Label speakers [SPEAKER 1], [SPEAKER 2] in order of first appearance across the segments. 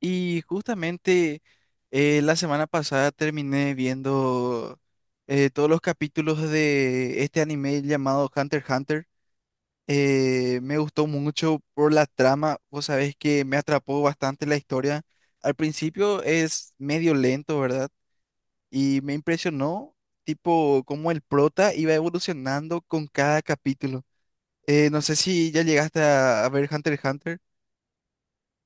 [SPEAKER 1] Y justamente la semana pasada terminé viendo todos los capítulos de este anime llamado Hunter x Hunter. Me gustó mucho por la trama, vos sabés que me atrapó bastante la historia. Al principio es medio lento, ¿verdad? Y me impresionó, tipo, cómo el prota iba evolucionando con cada capítulo. No sé si ya llegaste a, ver Hunter x Hunter.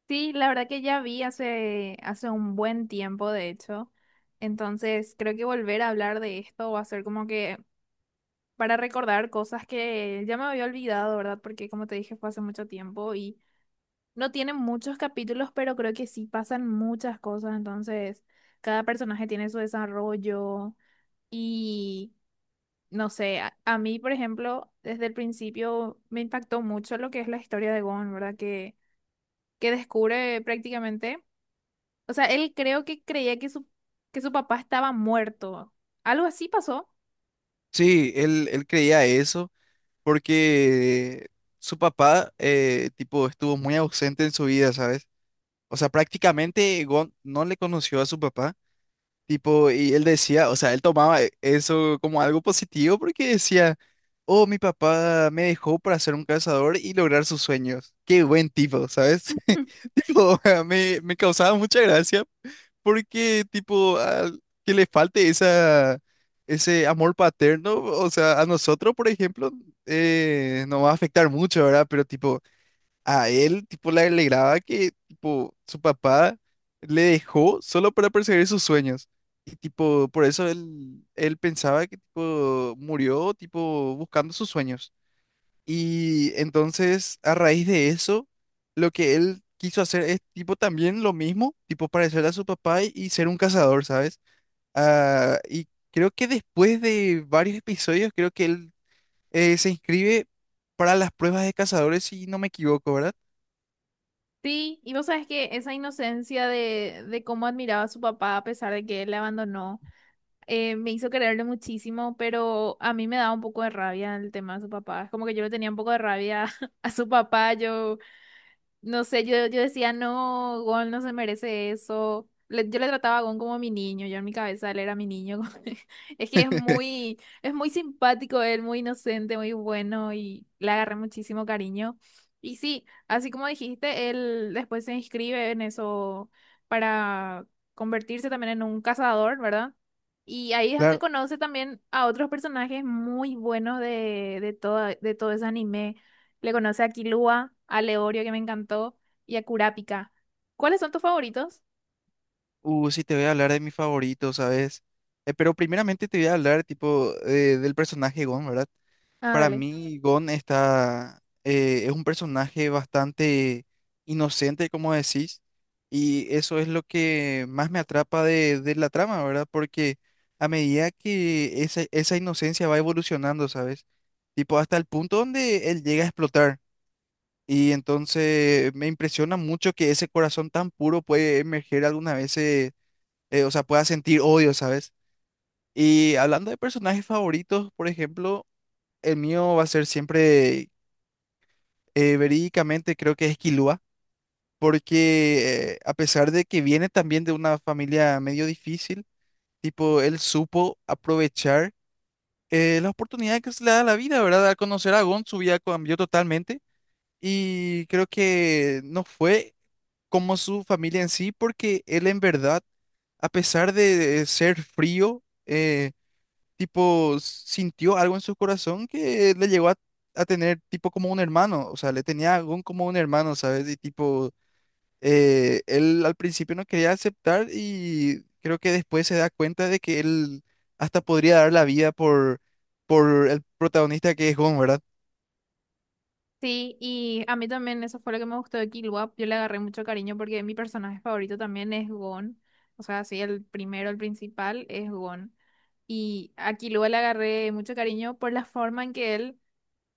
[SPEAKER 2] Sí, la verdad que ya vi hace un buen tiempo, de hecho. Entonces, creo que volver a hablar de esto va a ser como que para recordar cosas que ya me había olvidado, ¿verdad? Porque como te dije, fue hace mucho tiempo y no tienen muchos capítulos, pero creo que sí pasan muchas cosas. Entonces, cada personaje tiene su desarrollo y, no sé, a mí, por ejemplo, desde el principio me impactó mucho lo que es la historia de Gon, ¿verdad? Que descubre prácticamente. O sea, él creo que creía que que su papá estaba muerto. Algo así pasó.
[SPEAKER 1] Sí, él creía eso porque su papá, tipo, estuvo muy ausente en su vida, ¿sabes? O sea, prácticamente Gon no le conoció a su papá, tipo, y él decía, o sea, él tomaba eso como algo positivo porque decía, oh, mi papá me dejó para ser un cazador y lograr sus sueños. Qué buen tipo, ¿sabes? Tipo, me causaba mucha gracia porque tipo al que le falte esa ese amor paterno, o sea, a nosotros, por ejemplo, nos va a afectar mucho, ¿verdad? Pero tipo a él tipo le alegraba que tipo su papá le dejó solo para perseguir sus sueños. Y tipo, por eso él pensaba que tipo murió tipo buscando sus sueños. Y entonces, a raíz de eso, lo que él quiso hacer es tipo también lo mismo, tipo parecer a su papá y ser un cazador, ¿sabes? Ah, y creo que después de varios episodios, creo que él se inscribe para las pruebas de cazadores, si no me equivoco, ¿verdad?
[SPEAKER 2] Sí, y vos sabes que esa inocencia de cómo admiraba a su papá a pesar de que él le abandonó, me hizo quererle muchísimo, pero a mí me daba un poco de rabia el tema de su papá. Es como que yo le tenía un poco de rabia a su papá, yo no sé, yo decía, no, Gon no se merece eso. Le- yo le trataba a Gon como mi niño, yo en mi cabeza él era mi niño. Es que es muy simpático él, muy inocente, muy bueno y le agarré muchísimo cariño. Y sí, así como dijiste, él después se inscribe en eso para convertirse también en un cazador, ¿verdad? Y ahí es donde
[SPEAKER 1] Claro,
[SPEAKER 2] conoce también a otros personajes muy buenos de todo ese anime. Le conoce a Kilua, a Leorio, que me encantó, y a Kurapika. ¿Cuáles son tus favoritos?
[SPEAKER 1] sí te voy a hablar de mi favorito, ¿sabes? Pero primeramente te voy a hablar tipo del personaje Gon, ¿verdad?
[SPEAKER 2] Ah,
[SPEAKER 1] Para
[SPEAKER 2] dale.
[SPEAKER 1] mí, Gon es un personaje bastante inocente, como decís, y eso es lo que más me atrapa de la trama, ¿verdad? Porque a medida que esa inocencia va evolucionando, ¿sabes? Tipo, hasta el punto donde él llega a explotar. Y entonces me impresiona mucho que ese corazón tan puro puede emerger algunas veces, o sea, pueda sentir odio, ¿sabes? Y hablando de personajes favoritos, por ejemplo, el mío va a ser siempre verídicamente creo que es Quilúa, porque a pesar de que viene también de una familia medio difícil, tipo, él supo aprovechar la oportunidad que se le da a la vida, ¿verdad? Al conocer a Gon, su vida cambió totalmente y creo que no fue como su familia en sí, porque él en verdad, a pesar de ser frío, tipo, sintió algo en su corazón que le llegó a tener tipo como un hermano, o sea, le tenía a Gon como un hermano, ¿sabes? Y tipo, él al principio no quería aceptar y creo que después se da cuenta de que él hasta podría dar la vida por el protagonista que es Gon, ¿verdad?
[SPEAKER 2] Sí, y a mí también eso fue lo que me gustó de Killua. Yo le agarré mucho cariño porque mi personaje favorito también es Gon. O sea, sí, el primero, el principal es Gon. Y a Killua le agarré mucho cariño por la forma en que él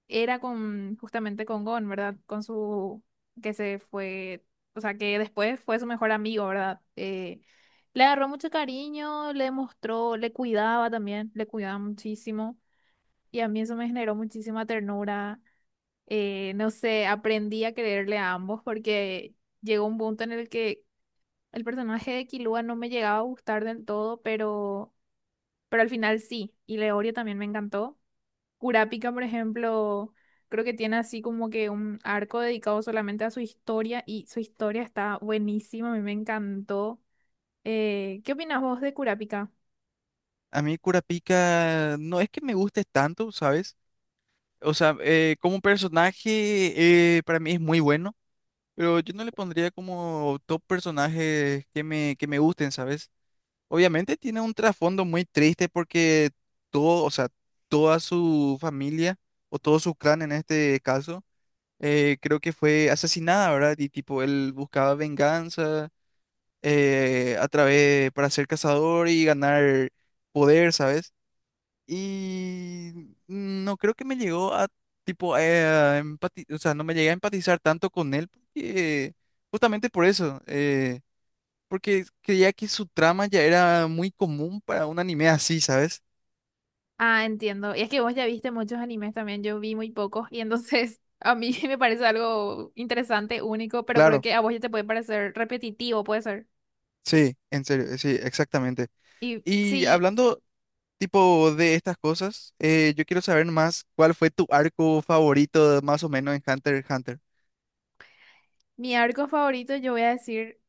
[SPEAKER 2] era con justamente con Gon, ¿verdad? Con su que se fue, o sea, que después fue su mejor amigo, ¿verdad? Le agarró mucho cariño, le mostró, le cuidaba también, le cuidaba muchísimo y a mí eso me generó muchísima ternura. No sé, aprendí a quererle a ambos porque llegó un punto en el que el personaje de Killua no me llegaba a gustar del todo, pero al final sí, y Leorio también me encantó. Kurapika, por ejemplo, creo que tiene así como que un arco dedicado solamente a su historia y su historia está buenísima, a mí me encantó. ¿Qué opinas vos de Kurapika?
[SPEAKER 1] A mí Kurapika no es que me guste tanto, ¿sabes? O sea, como personaje para mí es muy bueno, pero yo no le pondría como top personajes que me gusten, ¿sabes? Obviamente tiene un trasfondo muy triste porque todo, o sea, toda su familia o todo su clan en este caso creo que fue asesinada, ¿verdad? Y tipo, él buscaba venganza a través para ser cazador y ganar poder, ¿sabes? Y no creo que me llegó a tipo o sea, no me llegué a empatizar tanto con él porque justamente por eso, porque creía que su trama ya era muy común para un anime así, ¿sabes?
[SPEAKER 2] Ah, entiendo. Y es que vos ya viste muchos animes también, yo vi muy pocos y entonces a mí me parece algo interesante, único, pero creo
[SPEAKER 1] Claro,
[SPEAKER 2] que a vos ya te puede parecer repetitivo, puede ser.
[SPEAKER 1] sí, en serio, sí, exactamente.
[SPEAKER 2] Y
[SPEAKER 1] Y
[SPEAKER 2] sí,
[SPEAKER 1] hablando tipo de estas cosas, yo quiero saber más cuál fue tu arco favorito más o menos en Hunter x Hunter.
[SPEAKER 2] mi arco favorito yo voy a decir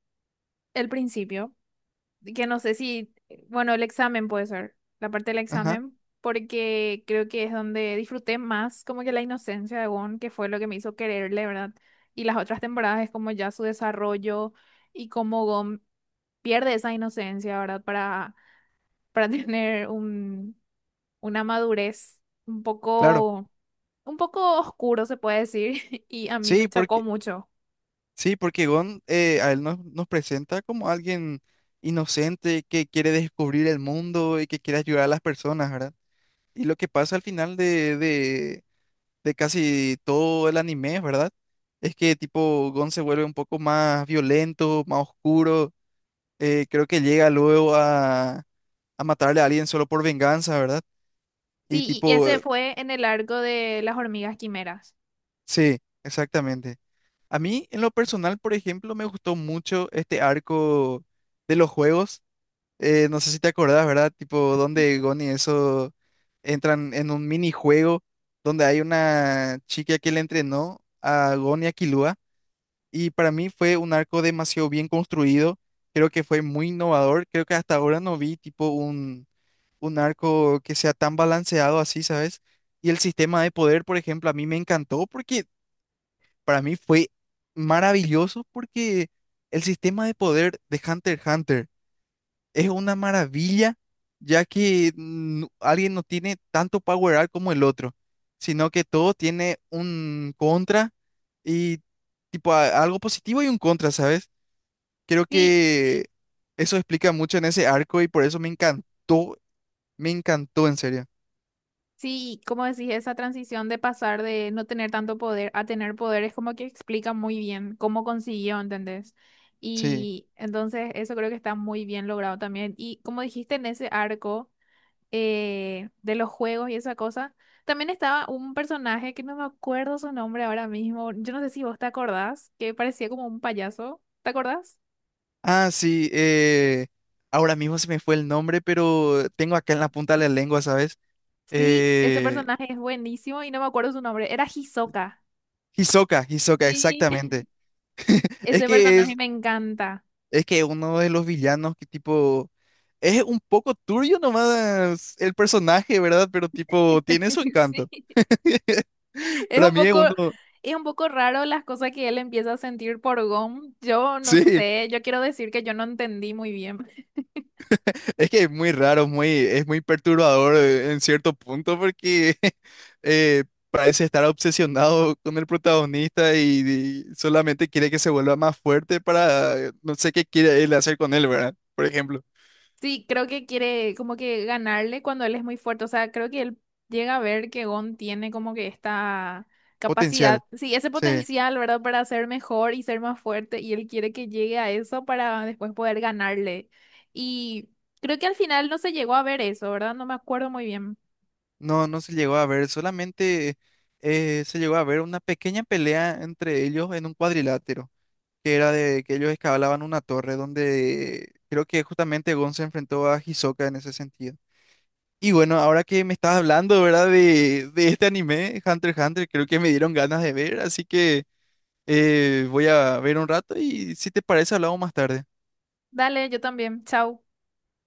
[SPEAKER 2] el principio. Que no sé si, bueno, el examen puede ser, la parte del
[SPEAKER 1] Ajá,
[SPEAKER 2] examen, porque creo que es donde disfruté más como que la inocencia de Gon, que fue lo que me hizo quererle, ¿verdad? Y las otras temporadas es como ya su desarrollo y cómo Gon pierde esa inocencia, ¿verdad? Para tener un, una madurez un
[SPEAKER 1] claro.
[SPEAKER 2] poco, un poco oscuro, se puede decir, y a mí
[SPEAKER 1] Sí,
[SPEAKER 2] me chocó
[SPEAKER 1] porque,
[SPEAKER 2] mucho.
[SPEAKER 1] sí, porque Gon a él nos presenta como alguien inocente que quiere descubrir el mundo y que quiere ayudar a las personas, ¿verdad? Y lo que pasa al final de casi todo el anime, ¿verdad? Es que tipo Gon se vuelve un poco más violento, más oscuro. Creo que llega luego a matarle a alguien solo por venganza, ¿verdad? Y
[SPEAKER 2] Sí, y
[SPEAKER 1] tipo,
[SPEAKER 2] ese fue en el arco de las hormigas quimeras.
[SPEAKER 1] sí, exactamente. A mí, en lo personal, por ejemplo, me gustó mucho este arco de los juegos. No sé si te acordás, ¿verdad? Tipo, donde Gon y eso entran en un minijuego donde hay una chica que le entrenó a Gon y a Killua. Y para mí fue un arco demasiado bien construido. Creo que fue muy innovador. Creo que hasta ahora no vi tipo un arco que sea tan balanceado así, ¿sabes? Y el sistema de poder, por ejemplo, a mí me encantó porque para mí fue maravilloso porque el sistema de poder de Hunter x Hunter es una maravilla, ya que alguien no tiene tanto power up como el otro, sino que todo tiene un contra y tipo algo positivo y un contra, ¿sabes? Creo
[SPEAKER 2] Sí,
[SPEAKER 1] que eso explica mucho en ese arco y por eso me encantó en serio.
[SPEAKER 2] sí, como decís, esa transición de pasar de no tener tanto poder a tener poder es como que explica muy bien cómo consiguió, ¿entendés?
[SPEAKER 1] Sí.
[SPEAKER 2] Y entonces eso creo que está muy bien logrado también. Y como dijiste en ese arco de los juegos y esa cosa, también estaba un personaje que no me acuerdo su nombre ahora mismo. Yo no sé si vos te acordás, que parecía como un payaso. ¿Te acordás?
[SPEAKER 1] Ah, sí, ahora mismo se me fue el nombre, pero tengo acá en la punta de la lengua, ¿sabes?
[SPEAKER 2] Sí, ese
[SPEAKER 1] Eh,
[SPEAKER 2] personaje es buenísimo y no me acuerdo su nombre. Era Hisoka.
[SPEAKER 1] Hisoka, Hisoka,
[SPEAKER 2] Sí.
[SPEAKER 1] exactamente. Es
[SPEAKER 2] Ese
[SPEAKER 1] que
[SPEAKER 2] personaje
[SPEAKER 1] es,
[SPEAKER 2] me encanta.
[SPEAKER 1] es que uno de los villanos que tipo es un poco turbio nomás el personaje, ¿verdad? Pero tipo tiene su encanto.
[SPEAKER 2] Sí, es
[SPEAKER 1] Para
[SPEAKER 2] un
[SPEAKER 1] mí es
[SPEAKER 2] poco,
[SPEAKER 1] uno,
[SPEAKER 2] es un poco raro las cosas que él empieza a sentir por Gon. Yo no
[SPEAKER 1] sí,
[SPEAKER 2] sé, yo quiero decir que yo no entendí muy bien.
[SPEAKER 1] es que es muy raro, muy, es muy perturbador en cierto punto porque eh, parece estar obsesionado con el protagonista y solamente quiere que se vuelva más fuerte para no sé qué quiere él hacer con él, ¿verdad? Por ejemplo,
[SPEAKER 2] Sí, creo que quiere como que ganarle cuando él es muy fuerte. O sea, creo que él llega a ver que Gon tiene como que esta capacidad,
[SPEAKER 1] potencial.
[SPEAKER 2] sí, ese
[SPEAKER 1] Sí,
[SPEAKER 2] potencial, ¿verdad? Para ser mejor y ser más fuerte. Y él quiere que llegue a eso para después poder ganarle. Y creo que al final no se llegó a ver eso, ¿verdad? No me acuerdo muy bien.
[SPEAKER 1] no se llegó a ver, solamente se llegó a ver una pequeña pelea entre ellos en un cuadrilátero, que era de que ellos escalaban una torre donde creo que justamente Gon se enfrentó a Hisoka en ese sentido. Y bueno, ahora que me estás hablando, ¿verdad? De este anime, Hunter x Hunter, creo que me dieron ganas de ver, así que voy a ver un rato y si te parece hablamos más tarde.
[SPEAKER 2] Dale, yo también. Chao.